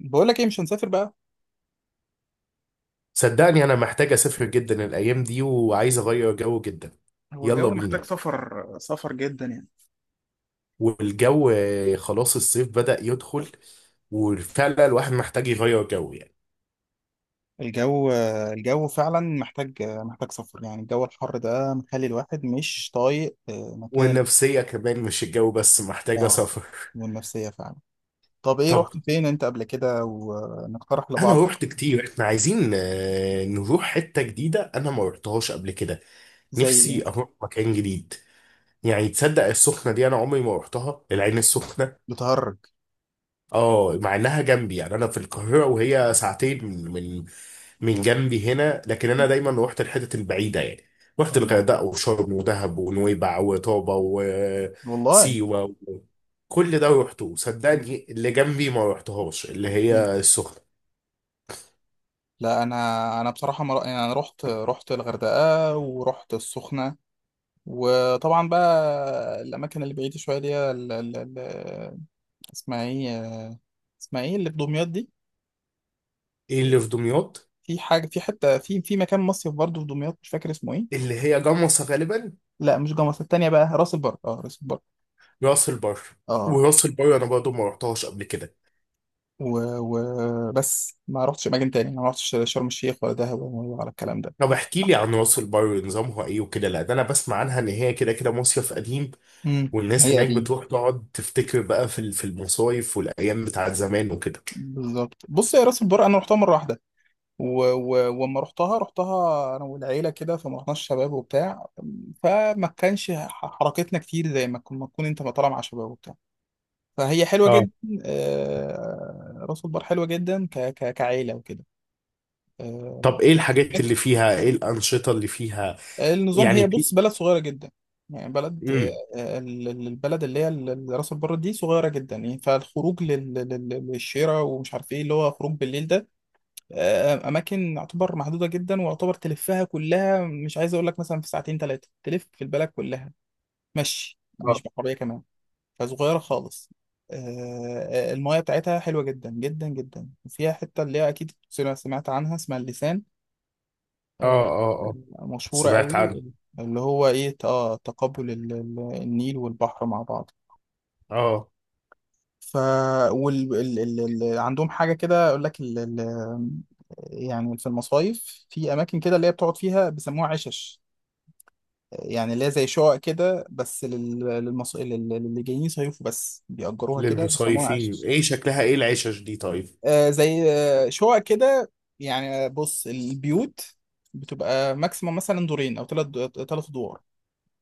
بقول لك ايه، مش هنسافر بقى. صدقني انا محتاج اسافر جدا الايام دي وعايز اغير جو جدا. هو يلا الجو محتاج بينا. سفر سفر جدا يعني؟ والجو خلاص الصيف بدأ يدخل، وفعلا الواحد محتاج يغير جو يعني. الجو الجو فعلا محتاج سفر. يعني الجو الحر ده مخلي الواحد مش طايق، مكان ال-. والنفسية كمان مش الجو بس محتاجة اه، سفر والنفسية فعلا. طب ايه، طب رحت فين انت قبل كده ونقترح لبعض؟ انا رحت كتير، احنا عايزين نروح حتة جديدة، انا ما رحتهاش قبل كده. زي ايه؟ نفسي اروح مكان جديد. يعني تصدق السخنة دي، انا عمري ما رحتها العين السخنة. بتهرج؟ اه، مع انها جنبي يعني، انا في القاهره وهي ساعتين من من جنبي هنا، لكن م. انا دايما روحت الحتت البعيده يعني. رحت اه، الغردقه وشرم ودهب ونويبع وطابه والله. وسيوه كل ده روحته. م. صدقني اللي جنبي ما روحتهاش اللي م. هي السخنه. لا، انا بصراحه يعني انا رحت الغردقه ورحت السخنه. وطبعا بقى الاماكن اللي بعيده شويه دي اسمها ايه، اسمها ايه اللي في دمياط دي؟ إيه اللي في دمياط؟ في حاجه، في حته، في مكان مصيف برضه في دمياط، مش فاكر اسمه ايه. اللي هي جمصه غالبا. لا مش جمصة، التانية بقى راس البر، راس البر. راس البر. اه، وراس البر انا برضه ما روحتهاش قبل كده. بس ما رحتش اماكن تاني، ما رحتش شرم الشيخ ولا دهب ولا على الكلام ده. طب احكي لي عن راس البر، نظامها ايه وكده؟ لا، ده انا بسمع عنها ان هي كده كده مصيف قديم، والناس هي هناك قديم. بتروح تقعد تفتكر بقى في المصايف والايام بتاعت زمان وكده. بالظبط. بص يا راس البر، انا رحتها مره واحده. وما رحتها انا والعيله كده، فما رحناش شباب وبتاع. فما كانش حركتنا كتير، زي ما ما تكون انت طالع مع شباب وبتاع. فهي حلوه اه. جدا. راس البر حلوه جدا ك ك كعيله وكده. آه، طب ايه الحاجات هناك اللي فيها، ايه الانشطه اللي فيها؟ النظام. يعني هي في. بص، بلد صغيره جدا. يعني بلد. امم. البلد اللي هي راس البر دي صغيره جدا، يعني فالخروج للشارع ومش عارف ايه اللي هو خروج بالليل ده. اماكن يعتبر محدوده جدا، ويعتبر تلفها كلها، مش عايز اقول لك مثلا في ساعتين ثلاثه تلف في البلد كلها. مشي، مش اه بعربيه كمان. فصغيرة خالص. المايه بتاعتها حلوة جدا جدا جدا، وفيها حتة اللي هي أكيد سمعت عنها، اسمها اللسان. اه آه، اه اه. مشهورة سمعت قوي. عنه. اللي هو إيه، تقابل النيل والبحر مع بعض. اه. ف. وال... ال... ال... ال... عندهم حاجة كده أقول لك يعني في المصايف في أماكن كده اللي هي بتقعد فيها، بيسموها عشش. يعني اللي هي زي شقق كده، بس للي جايين يصيفوا بس، بيأجروها كده بيسموها للمصيفين عشش. ايه شكلها، ايه العشش دي طيب؟ زي شقق كده. يعني بص البيوت بتبقى ماكسيموم مثلا دورين او ثلاث، ثلاث ادوار،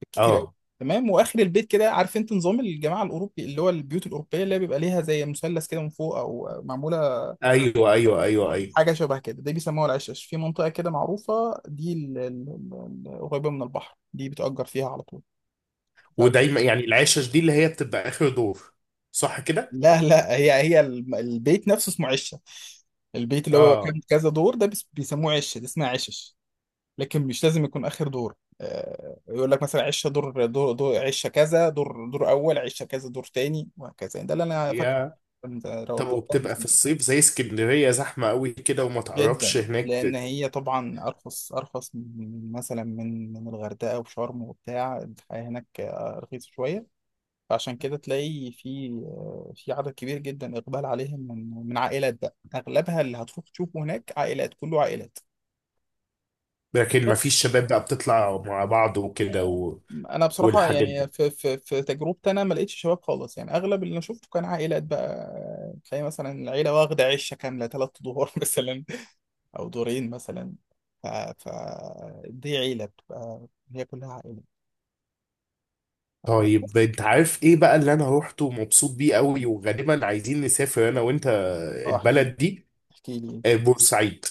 بالكتير قوي. اه، تمام، واخر البيت كده، عارف انت نظام الجماعه الاوروبي، اللي هو البيوت الاوروبيه اللي بيبقى ليها زي مثلث كده من فوق، او معموله ايوه ايوه ايوه ايوه. حاجه شبه كده، دي بيسموها العشش. في منطقه كده معروفه دي، قريبه من البحر، دي بتأجر فيها على طول. فب... ودايما يعني العشش دي اللي هي بتبقى اخر دور، صح كده؟ لا لا، هي هي البيت نفسه اسمه عشه. البيت اللي هو اه. كان كذا دور ده بيسموه عشه، دي اسمها عشش. لكن مش لازم يكون اخر دور. يقول لك مثلا عشه دور دور، دور عشه كذا، دور دور اول، عشه كذا دور تاني، وهكذا، ده اللي انا فاكره. يا. كنت طب روحتها من وبتبقى في زمان. الصيف زي اسكندريه زحمه قوي كده وما تعرفش جدا لان هناك؟ هي طبعا ارخص ارخص من مثلا من الغردقه وشرم وبتاع. الحياه هناك رخيصه شويه. فعشان كده تلاقي في عدد كبير جدا، اقبال عليهم من عائلات بقى اغلبها، اللي هتروح تشوفه هناك عائلات، كله عائلات. لكن ما بس فيش شباب بقى بتطلع مع بعض وكده انا بصراحه والحاجات يعني دي؟ في تجربتي، انا ما لقيتش شباب خالص، يعني اغلب اللي انا شفته كان عائلات بقى. تلاقي مثلا العيله واخده عشه كامله ثلاث دور مثلا، او دورين مثلا. ف. ف. دي عيله بتبقى هي كلها عائله. طيب بس. انت عارف ايه بقى اللي انا روحته ومبسوط بيه قوي وغالبا عايزين نسافر انا وانت؟ اه، احكي. البلد دي احكي لي. بورسعيد.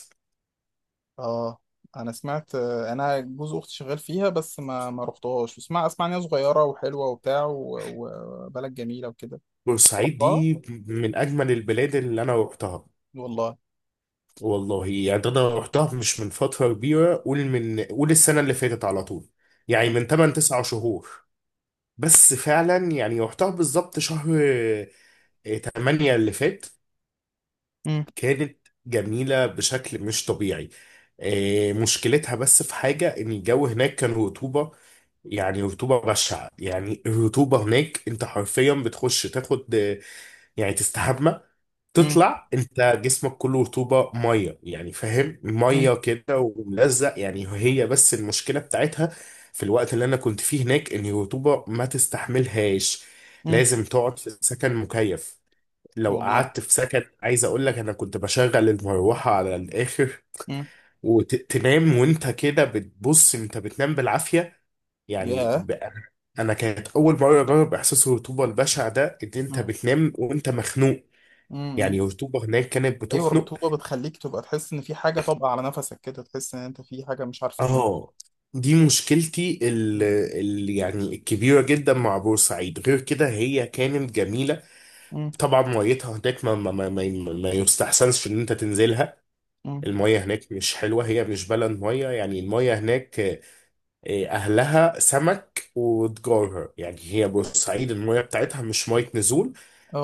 اه، انا سمعت، انا جوز اختي شغال فيها، بس ما رحتهاش. اسمع اسمع ان هي صغيره وحلوه وبتاع، وبلد جميله وكده. بورسعيد رحتها. دي من اجمل البلاد اللي انا روحتها. والله. والله يعني انا روحتها مش من فترة كبيرة، قول السنة اللي فاتت، على طول يعني، من تمام. 8 9 شهور. بس فعلا يعني روحتها بالظبط شهر 8 اللي فات. مم. كانت جميلة بشكل مش طبيعي. مشكلتها بس في حاجة، إن الجو هناك كان رطوبة. يعني رطوبة بشعة. يعني الرطوبة هناك أنت حرفيا بتخش تاخد، يعني تستحمى، مم. تطلع أنت جسمك كله رطوبة مية، يعني فاهم، مم. مية كده وملزق. يعني هي بس المشكلة بتاعتها في الوقت اللي أنا كنت فيه هناك، إن الرطوبة ما تستحملهاش. مم. لازم تقعد في سكن مكيف. لو والله. قعدت في سكن، عايز اقول لك انا كنت بشغل المروحه على الاخر، وتنام وانت كده بتبص، انت بتنام بالعافيه يعني ياه. انا كانت اول مره اجرب احساس الرطوبه البشع ده، ان انت مم. بتنام وانت مخنوق. مم. مم. يعني الرطوبه هناك كانت ايوه، بتخنق. الرطوبه بتخليك تبقى تحس ان في حاجه طابقه على نفسك كده، تحس ان انت في حاجه مش عارف تخليك. اه. دي مشكلتي يعني الكبيره جدا مع بورسعيد. غير كده هي كانت جميله. مم. طبعا ميتها هناك ما يستحسنش ان انت تنزلها. مم. المية هناك مش حلوة، هي بالنسبة لها المية، يعني المية هناك أهلها سمك وتجارها. يعني هي بورسعيد المية بتاعتها مش مية نزول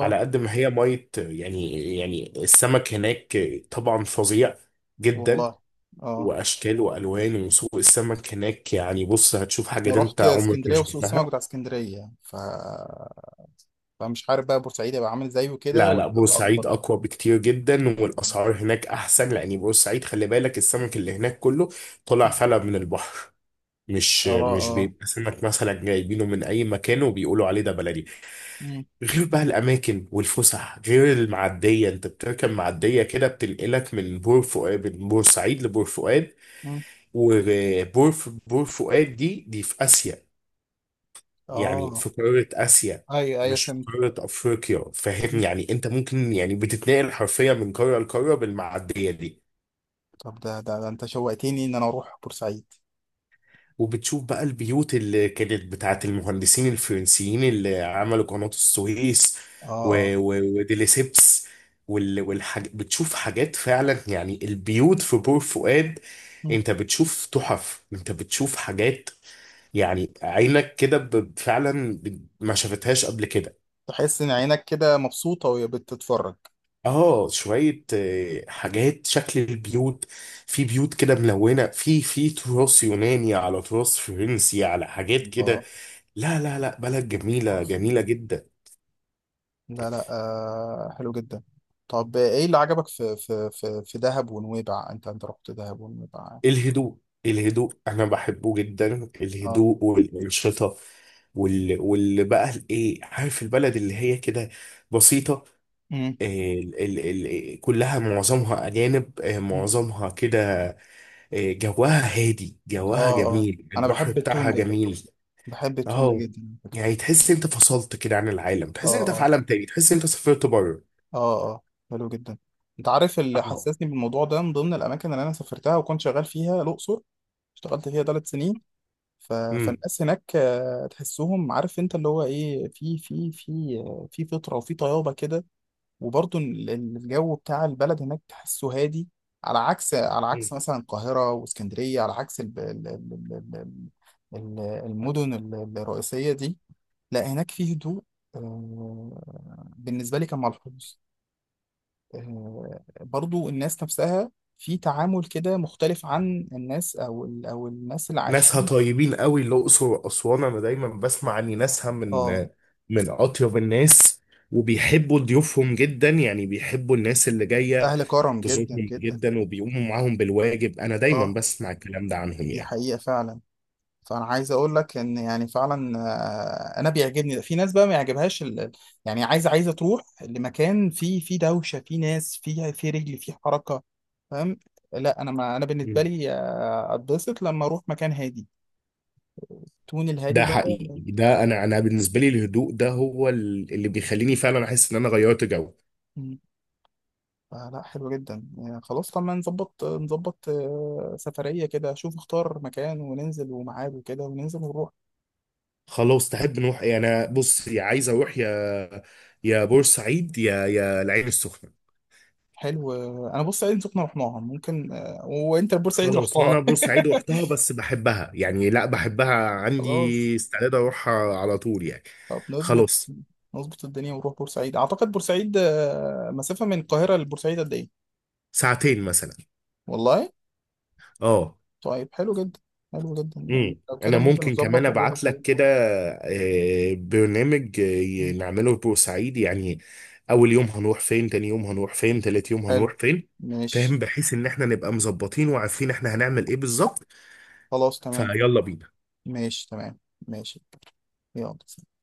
على قد ما هي مية. يعني السمك هناك طبعا فظيع جدا. والله. اه. وأشكال وألوان، وسوق السمك هناك يعني بص هتشوف انا حاجة أنت رحت عمرك ما اسكندريه وسوق السمك شفتها. بتاع اسكندريه يعني، فمش عارف بقى بورسعيد هيبقى عامل زيه كده لا لا، ولا على اكبر. بورسعيد أقوى بكتير جدا، مم. والأسعار هناك أحسن، لأن بورسعيد خلي بالك السمك اللي هناك كله طلع فلا من البحر. مش اه، مش اه. بيبقى سمك مثلا جايبينه من اي مكان وبيقولوا عليه ده بلدي. مم. غير بقى الاماكن والفسح، غير المعديه. انت بتركب معديه كده بتنقلك من بور فؤاد، من بورسعيد لبور فؤاد. مم. بور فؤاد دي في اسيا، يعني اه. في قاره اسيا، ايوه، ايوه، مش في فهمت. قاره افريقيا. فاهم؟ مم. يعني انت ممكن يعني بتتنقل حرفيا من قاره لقاره بالمعديه دي. طب ده انت شوقتني ان انا اروح بورسعيد. وبتشوف بقى البيوت اللي كانت بتاعت المهندسين الفرنسيين اللي عملوا قناة السويس اه، اه. وديليسيبس بتشوف حاجات فعلا. يعني البيوت في بور فؤاد، مم. انت بتشوف تحف، انت بتشوف حاجات. يعني عينك كده فعلا ما شافتهاش قبل كده. تحس ان عينك كده مبسوطه وهي بتتفرج. اه، شوية حاجات، شكل البيوت. في بيوت كده ملونة، في تراث يوناني على تراث فرنسي على حاجات كده. الله. لا لا لا، بلد جميلة تحفه. جميلة جدا. لا، لا، حلو جدا. طب ايه اللي عجبك في في في في دهب ونويبع، انت رحت دهب ونويبع يعني. الهدوء. الهدوء أنا بحبه جدا، اه. الهدوء والأنشطة، واللي بقى الإيه، عارف البلد اللي هي كده بسيطة. امم. ال... ال... كلها معظمها أجانب، أمم. معظمها كده. جواها هادي، جواها اه، اه. جميل، انا البحر بحب التون بتاعها ده، جميل. بحب التون ده أهو. جدا على فكره. يعني تحس أنت فصلت كده عن العالم، اه، تحس أنت في اه. عالم تاني، تحس أنت سافرت بره. اه، اه. حلو جدا. انت عارف اللي حسسني بالموضوع ده، من ضمن الاماكن اللي انا سافرتها وكنت شغال فيها الاقصر، اشتغلت فيها 3 سنين. فالناس هناك تحسهم، عارف انت اللي هو ايه، في في في في فطره وفي طيابه كده. وبرضه الجو بتاع البلد هناك تحسه هادي، على عكس أهو. مثلا القاهرة واسكندرية، على عكس المدن الرئيسية دي. لا هناك فيه هدوء. بالنسبة لي كان ملحوظ. برضو الناس نفسها في تعامل كده مختلف عن الناس، أو الناس اللي ناسها عايشين. طيبين قوي، الأقصر وأسوان أنا دايما بسمع عن ناسها من اه. أطيب الناس، وبيحبوا ضيوفهم جدا، يعني بيحبوا الناس اللي جاية أهل كرم جدا تزورهم جدا. جدا، وبيقوموا معاهم بالواجب. أنا دايما اه. بسمع الكلام ده عنهم دي يعني. حقيقة فعلا. فانا عايز اقول لك ان، يعني فعلا انا بيعجبني في ناس بقى ما يعجبهاش يعني عايزه تروح لمكان فيه دوشه، فيه ناس، فيه رجل، فيه حركه. فاهم؟ لا انا، ما انا بالنسبه مم. لي اتبسط لما اروح مكان هادي، تون الهادي ده ده. حقيقي، ده أنا بالنسبة لي الهدوء ده هو اللي بيخليني فعلا أحس إن أنا غيرت جو. مم. فلا حلو جدا يعني. خلاص طب ما نظبط سفريه كده، شوف اختار مكان وننزل، وميعاد وكده، وننزل ونروح. خلاص، تحب نروح إيه؟ أنا بص، يا عايز أروح يا يا بورسعيد يا العين السخنة. حلو. انا بورسعيد سخنه رحناها، ممكن وانت بورسعيد خلاص، وانا رحتها بورسعيد رحتها بس بحبها، يعني لا بحبها، خلاص. عندي استعداد اروحها على طول يعني. طب خلاص. نظبط الدنيا ونروح بورسعيد. اعتقد بورسعيد مسافة من القاهرة لبورسعيد قد ايه؟ ساعتين مثلا. والله. اه. طيب حلو جدا. حلو جدا يعني. لو كده انا ممكن ممكن كمان نظبط ونروح ابعت لك بورسعيد. كده برنامج مم. نعمله في بورسعيد يعني، اول يوم هنروح فين، تاني يوم هنروح فين، تالت يوم حلو. هنروح فين، ماشي. فاهم، بحيث ان احنا نبقى مظبطين وعارفين احنا هنعمل ايه بالظبط. خلاص تمام. فيلا بينا. ماشي تمام. ماشي. يلا.